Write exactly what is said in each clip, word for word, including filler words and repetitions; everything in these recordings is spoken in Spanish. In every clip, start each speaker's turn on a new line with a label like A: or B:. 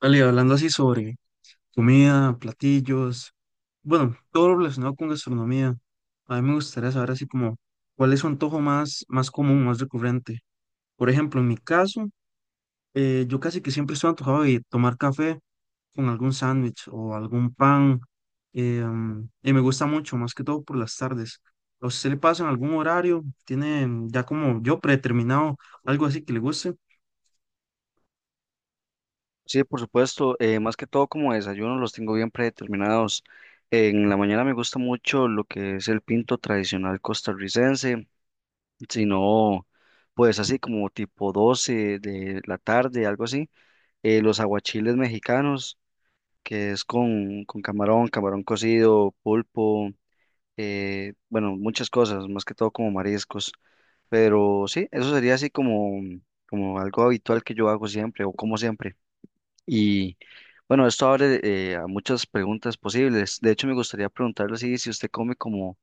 A: Vale, hablando así sobre comida, platillos, bueno, todo lo relacionado con gastronomía, a mí me gustaría saber así como cuál es su antojo más, más común, más recurrente. Por ejemplo, en mi caso, eh, yo casi que siempre estoy antojado de tomar café con algún sándwich o algún pan, eh, mm, y me gusta mucho, más que todo por las tardes. ¿A usted le pasa en algún horario? ¿Tiene ya como yo predeterminado algo así que le guste?
B: Sí, por supuesto. Eh, más que todo como desayuno los tengo bien predeterminados. En la mañana me gusta mucho lo que es el pinto tradicional costarricense, si no, pues así como tipo doce de la tarde, algo así. Eh, los aguachiles mexicanos, que es con, con camarón, camarón cocido, pulpo, eh, bueno, muchas cosas, más que todo como mariscos. Pero sí, eso sería así como, como algo habitual que yo hago siempre o como siempre. Y bueno, esto abre eh, a muchas preguntas posibles. De hecho, me gustaría preguntarle así, si usted come como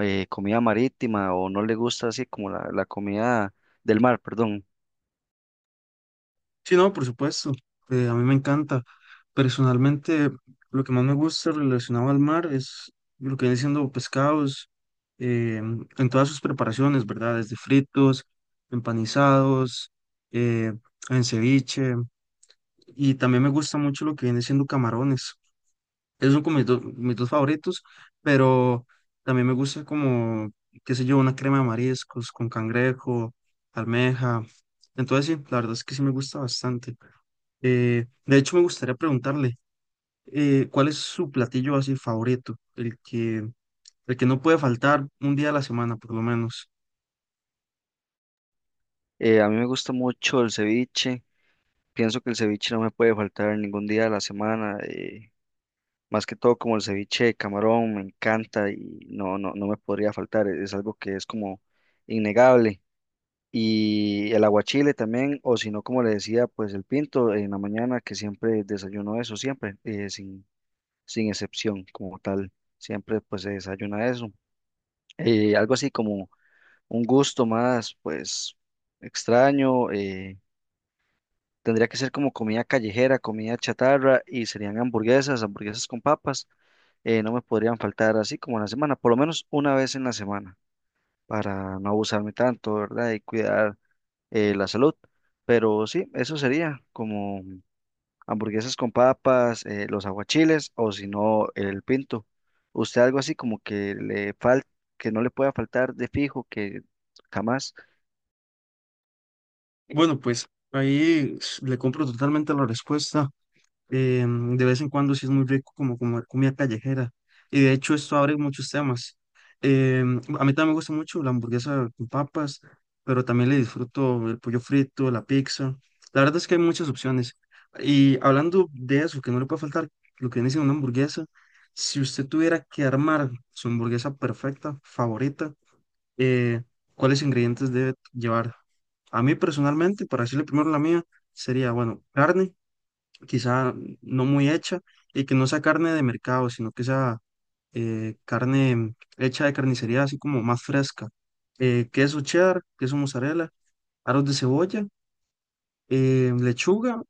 B: eh, comida marítima o no le gusta así como la, la comida del mar, perdón.
A: Sí, no, por supuesto. Eh, a mí me encanta. Personalmente, lo que más me gusta relacionado al mar es lo que viene siendo pescados eh, en todas sus preparaciones, ¿verdad? Desde fritos, empanizados, eh, en ceviche. Y también me gusta mucho lo que viene siendo camarones, esos son como mis dos, mis dos favoritos, pero también me gusta como, qué sé yo, una crema de mariscos con cangrejo, almeja. Entonces sí, la verdad es que sí me gusta bastante. Eh, de hecho, me gustaría preguntarle, eh, ¿cuál es su platillo así favorito? El que, el que no puede faltar un día a la semana, por lo menos.
B: Eh, a mí me gusta mucho el ceviche. Pienso que el ceviche no me puede faltar ningún día de la semana. Eh, más que todo como el ceviche de camarón, me encanta y no, no, no me podría faltar. Es algo que es como innegable. Y el aguachile también, o si no, como le decía, pues el pinto en la mañana, que siempre desayuno eso, siempre, eh, sin, sin excepción como tal, siempre pues se desayuna eso. Eh, algo así como un gusto más, pues extraño, eh, tendría que ser como comida callejera, comida chatarra y serían hamburguesas, hamburguesas con papas, eh, no me podrían faltar así como en la semana, por lo menos una vez en la semana, para no abusarme tanto, ¿verdad? Y cuidar eh, la salud. Pero sí, eso sería como hamburguesas con papas, eh, los aguachiles o si no el pinto. ¿Usted algo así como que le falta, que no le pueda faltar de fijo, que jamás?
A: Bueno, pues ahí s- le compro totalmente la respuesta. Eh, de vez en cuando sí es muy rico como comer comida callejera. Y de hecho esto abre muchos temas. Eh, a mí también me gusta mucho la hamburguesa con papas, pero también le disfruto el pollo frito, la pizza. La verdad es que hay muchas opciones. Y hablando de eso, que no le puede faltar lo que viene siendo una hamburguesa, si usted tuviera que armar su hamburguesa perfecta, favorita, eh, ¿cuáles ingredientes debe llevar? A mí personalmente, para decirle primero la mía, sería, bueno, carne quizá no muy hecha, y que no sea carne de mercado, sino que sea eh, carne hecha de carnicería, así como más fresca. Eh, queso cheddar, queso mozzarella, aros de cebolla, eh, lechuga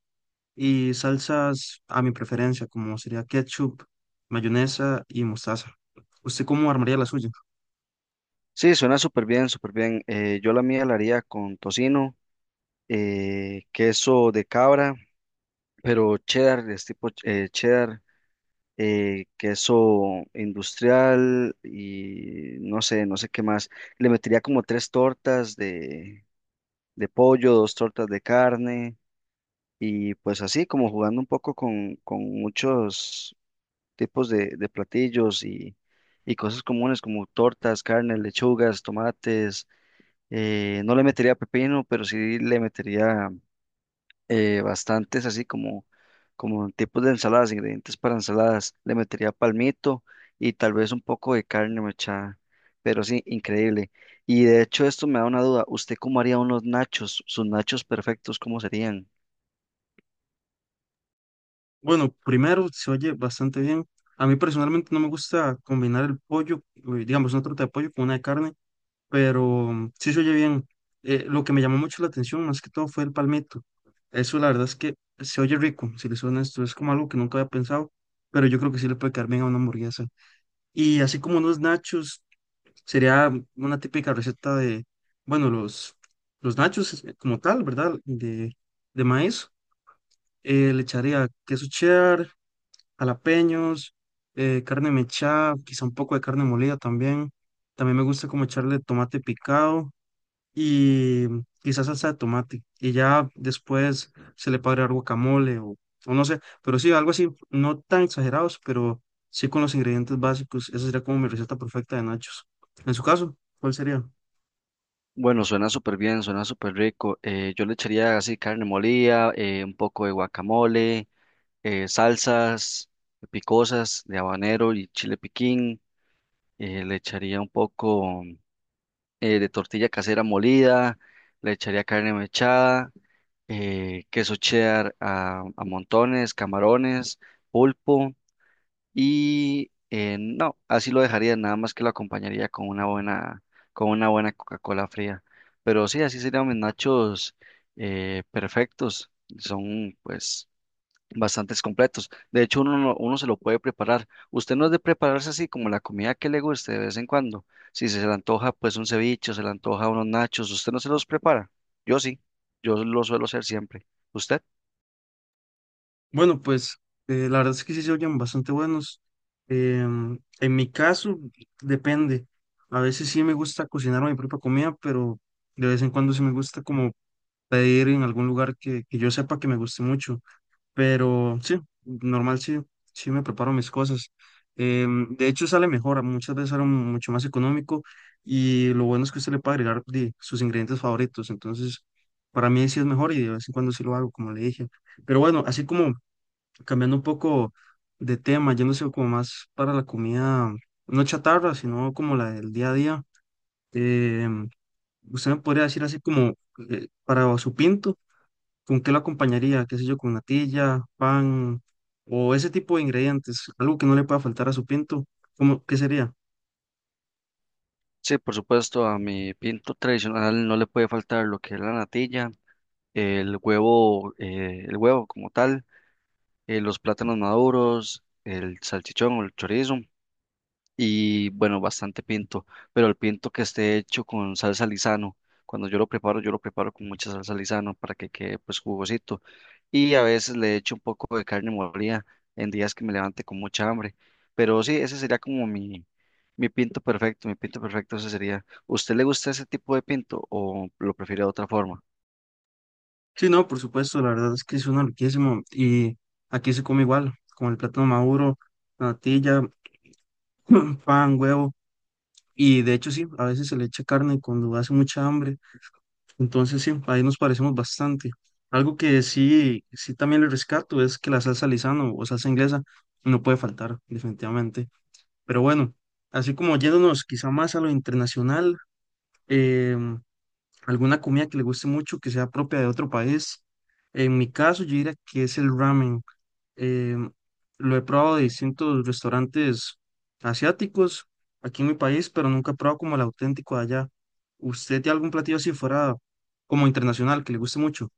A: y salsas a mi preferencia, como sería ketchup, mayonesa y mostaza. ¿Usted cómo armaría la suya?
B: Sí, suena súper bien, súper bien. Eh, yo la mía la haría con tocino, eh, queso de cabra, pero cheddar, es tipo eh, cheddar. Eh, queso industrial y no sé, no sé qué más. Le metería como tres tortas de, de pollo, dos tortas de carne y pues así como jugando un poco con, con muchos tipos de, de platillos y, y cosas comunes como tortas, carne, lechugas, tomates. Eh, no le metería pepino, pero sí le metería eh, bastantes así como, como tipos de ensaladas, ingredientes para ensaladas. Le metería palmito y tal vez un poco de carne mechada, pero sí, increíble. Y de hecho esto me da una duda, ¿usted cómo haría unos nachos? ¿Sus nachos perfectos cómo serían?
A: Bueno, primero se oye bastante bien. A mí personalmente no me gusta combinar el pollo, eh, digamos, una torta de pollo con una de carne, pero mm, sí se oye bien. Eh, lo que me llamó mucho la atención, más que todo, fue el palmito. Eso, la verdad es que se oye rico, si le suena esto, es como algo que nunca había pensado, pero yo creo que sí le puede quedar bien a una hamburguesa. Y así como unos nachos, sería una típica receta de, bueno, los, los nachos eh, como tal, ¿verdad? De, de maíz. Eh, le echaría queso cheddar, jalapeños, eh, carne mechada, quizá un poco de carne molida también. También me gusta como echarle tomate picado y quizás salsa de tomate. Y ya después se le puede agregar guacamole o, o no sé, pero sí, algo así, no tan exagerados, pero sí con los ingredientes básicos. Esa sería como mi receta perfecta de nachos. En su caso, ¿cuál sería?
B: Bueno, suena súper bien, suena súper rico. Eh, yo le echaría así carne molida, eh, un poco de guacamole, eh, salsas picosas de habanero y chile piquín. Eh, le echaría un poco eh, de tortilla casera molida, le echaría carne mechada, eh, queso cheddar a, a montones, camarones, pulpo y eh, no, así lo dejaría, nada más que lo acompañaría con una buena, con una buena Coca-Cola fría. Pero sí, así serían mis nachos eh, perfectos. Son pues bastantes completos. De hecho, uno, no- uno se lo puede preparar. Usted no es de prepararse así como la comida que le guste de vez en cuando. Si se le antoja, pues un ceviche, se le antoja unos nachos, usted no se los prepara. Yo sí, yo lo suelo hacer siempre. ¿Usted?
A: Bueno, pues eh, la verdad es que sí se oyen bastante buenos. Em, en mi caso, depende. A veces sí me gusta cocinar mi propia comida, pero de vez en cuando sí me gusta como pedir en algún lugar que, que yo sepa que me guste mucho. Pero sí, normal sí, sí me preparo mis cosas. Em, de hecho sale mejor, muchas veces sale mucho más económico y lo bueno es que usted le puede agregar di, sus ingredientes favoritos. Entonces, para mí sí es mejor y de vez en cuando sí lo hago, como le dije. Pero bueno, así como cambiando un poco de tema, yéndose como más para la comida, no chatarra, sino como la del día a día. em, Usted me podría decir así como eh, para su pinto. ¿Con qué lo acompañaría? ¿Qué sé yo? Con natilla, pan o ese tipo de ingredientes. Algo que no le pueda faltar a su pinto. ¿Cómo, qué sería?
B: Sí, por supuesto, a mi pinto tradicional no le puede faltar lo que es la natilla, el huevo, eh, el huevo como tal, eh, los plátanos maduros, el salchichón o el chorizo. Y bueno, bastante pinto, pero el pinto que esté hecho con salsa Lizano. Cuando yo lo preparo, yo lo preparo con mucha salsa Lizano para que quede pues jugosito. Y a veces le echo un poco de carne molida en días que me levante con mucha hambre. Pero sí, ese sería como mi, mi pinto perfecto, mi pinto perfecto ese sería. ¿Usted le gusta ese tipo de pinto o lo prefiere de otra forma?
A: Sí, no, por supuesto. La verdad es que suena riquísimo. Y aquí se come igual, con el plátano maduro, la natilla, pan, huevo. Y de hecho sí, a veces se le echa carne cuando hace mucha hambre. Entonces sí, ahí nos parecemos bastante. Algo que sí, sí también le rescato es que la salsa Lizano o salsa inglesa no puede faltar, definitivamente. Pero bueno, así como yéndonos quizá más a lo internacional, em, alguna comida que le guste mucho, que sea propia de otro país. En mi caso, yo diría que es el ramen. Em, lo he probado de distintos restaurantes asiáticos aquí en mi país, pero nunca he probado como el auténtico de allá. ¿Usted tiene algún platillo así fuera como internacional que le guste mucho?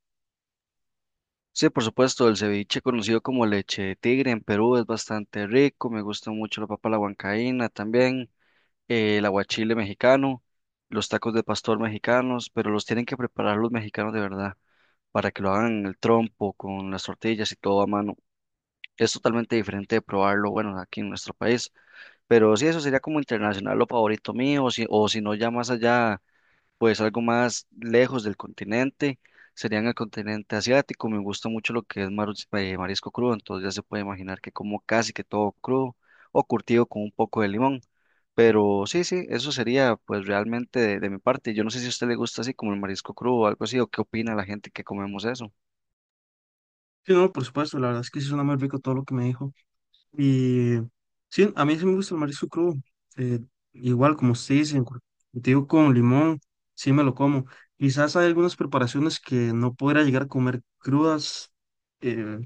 B: Sí, por supuesto, el ceviche conocido como leche de tigre en Perú es bastante rico, me gusta mucho la papa a la huancaína también. Eh, el aguachile mexicano, los tacos de pastor mexicanos, pero los tienen que preparar los mexicanos de verdad para que lo hagan en el trompo, con las tortillas y todo a mano. Es totalmente diferente de probarlo, bueno, aquí en nuestro país. Pero sí, eso sería como internacional lo favorito mío, o si, o si no, ya más allá pues algo más lejos del continente, serían el continente asiático. Me gusta mucho lo que es mar- eh, marisco crudo, entonces ya se puede imaginar que como casi que todo crudo o curtido con un poco de limón. Pero sí, sí, eso sería pues realmente de, de mi parte. Yo no sé si a usted le gusta así como el marisco crudo o algo así, o qué opina la gente que comemos eso.
A: Sí, no, por supuesto, la verdad es que sí suena muy rico todo lo que me dijo. Y sí, a mí sí me gusta el marisco crudo. eh, Igual, como usted dice, en cor- digo con limón, sí me lo como. Quizás hay algunas preparaciones que no podrá llegar a comer crudas, eh,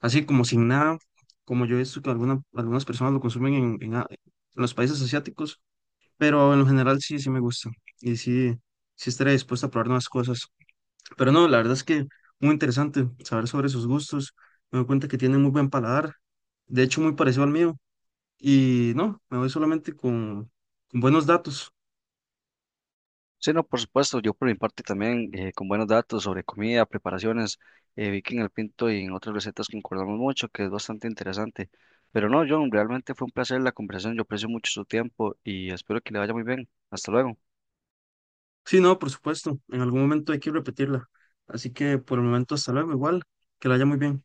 A: así como sin nada, como yo he visto que alguna- algunas personas lo consumen en, en a- en los países asiáticos, pero en lo general sí, sí me gusta. Y sí, sí estaré dispuesto a probar nuevas cosas. Pero no, la verdad es que muy interesante saber sobre sus gustos. Me doy cuenta que tienen muy buen paladar. De hecho, muy parecido al mío. Y no, me voy solamente con, con buenos datos.
B: Sí, no, por supuesto, yo por mi parte también, eh, con buenos datos sobre comida, preparaciones, eh, vi que en el Pinto y en otras recetas concordamos mucho, que es bastante interesante. Pero no, John, realmente fue un placer la conversación, yo aprecio mucho su tiempo y espero que le vaya muy bien. Hasta luego.
A: Sí, no, por supuesto, en algún momento hay que repetirla. Así que por el momento, hasta luego, igual, que la haya muy bien.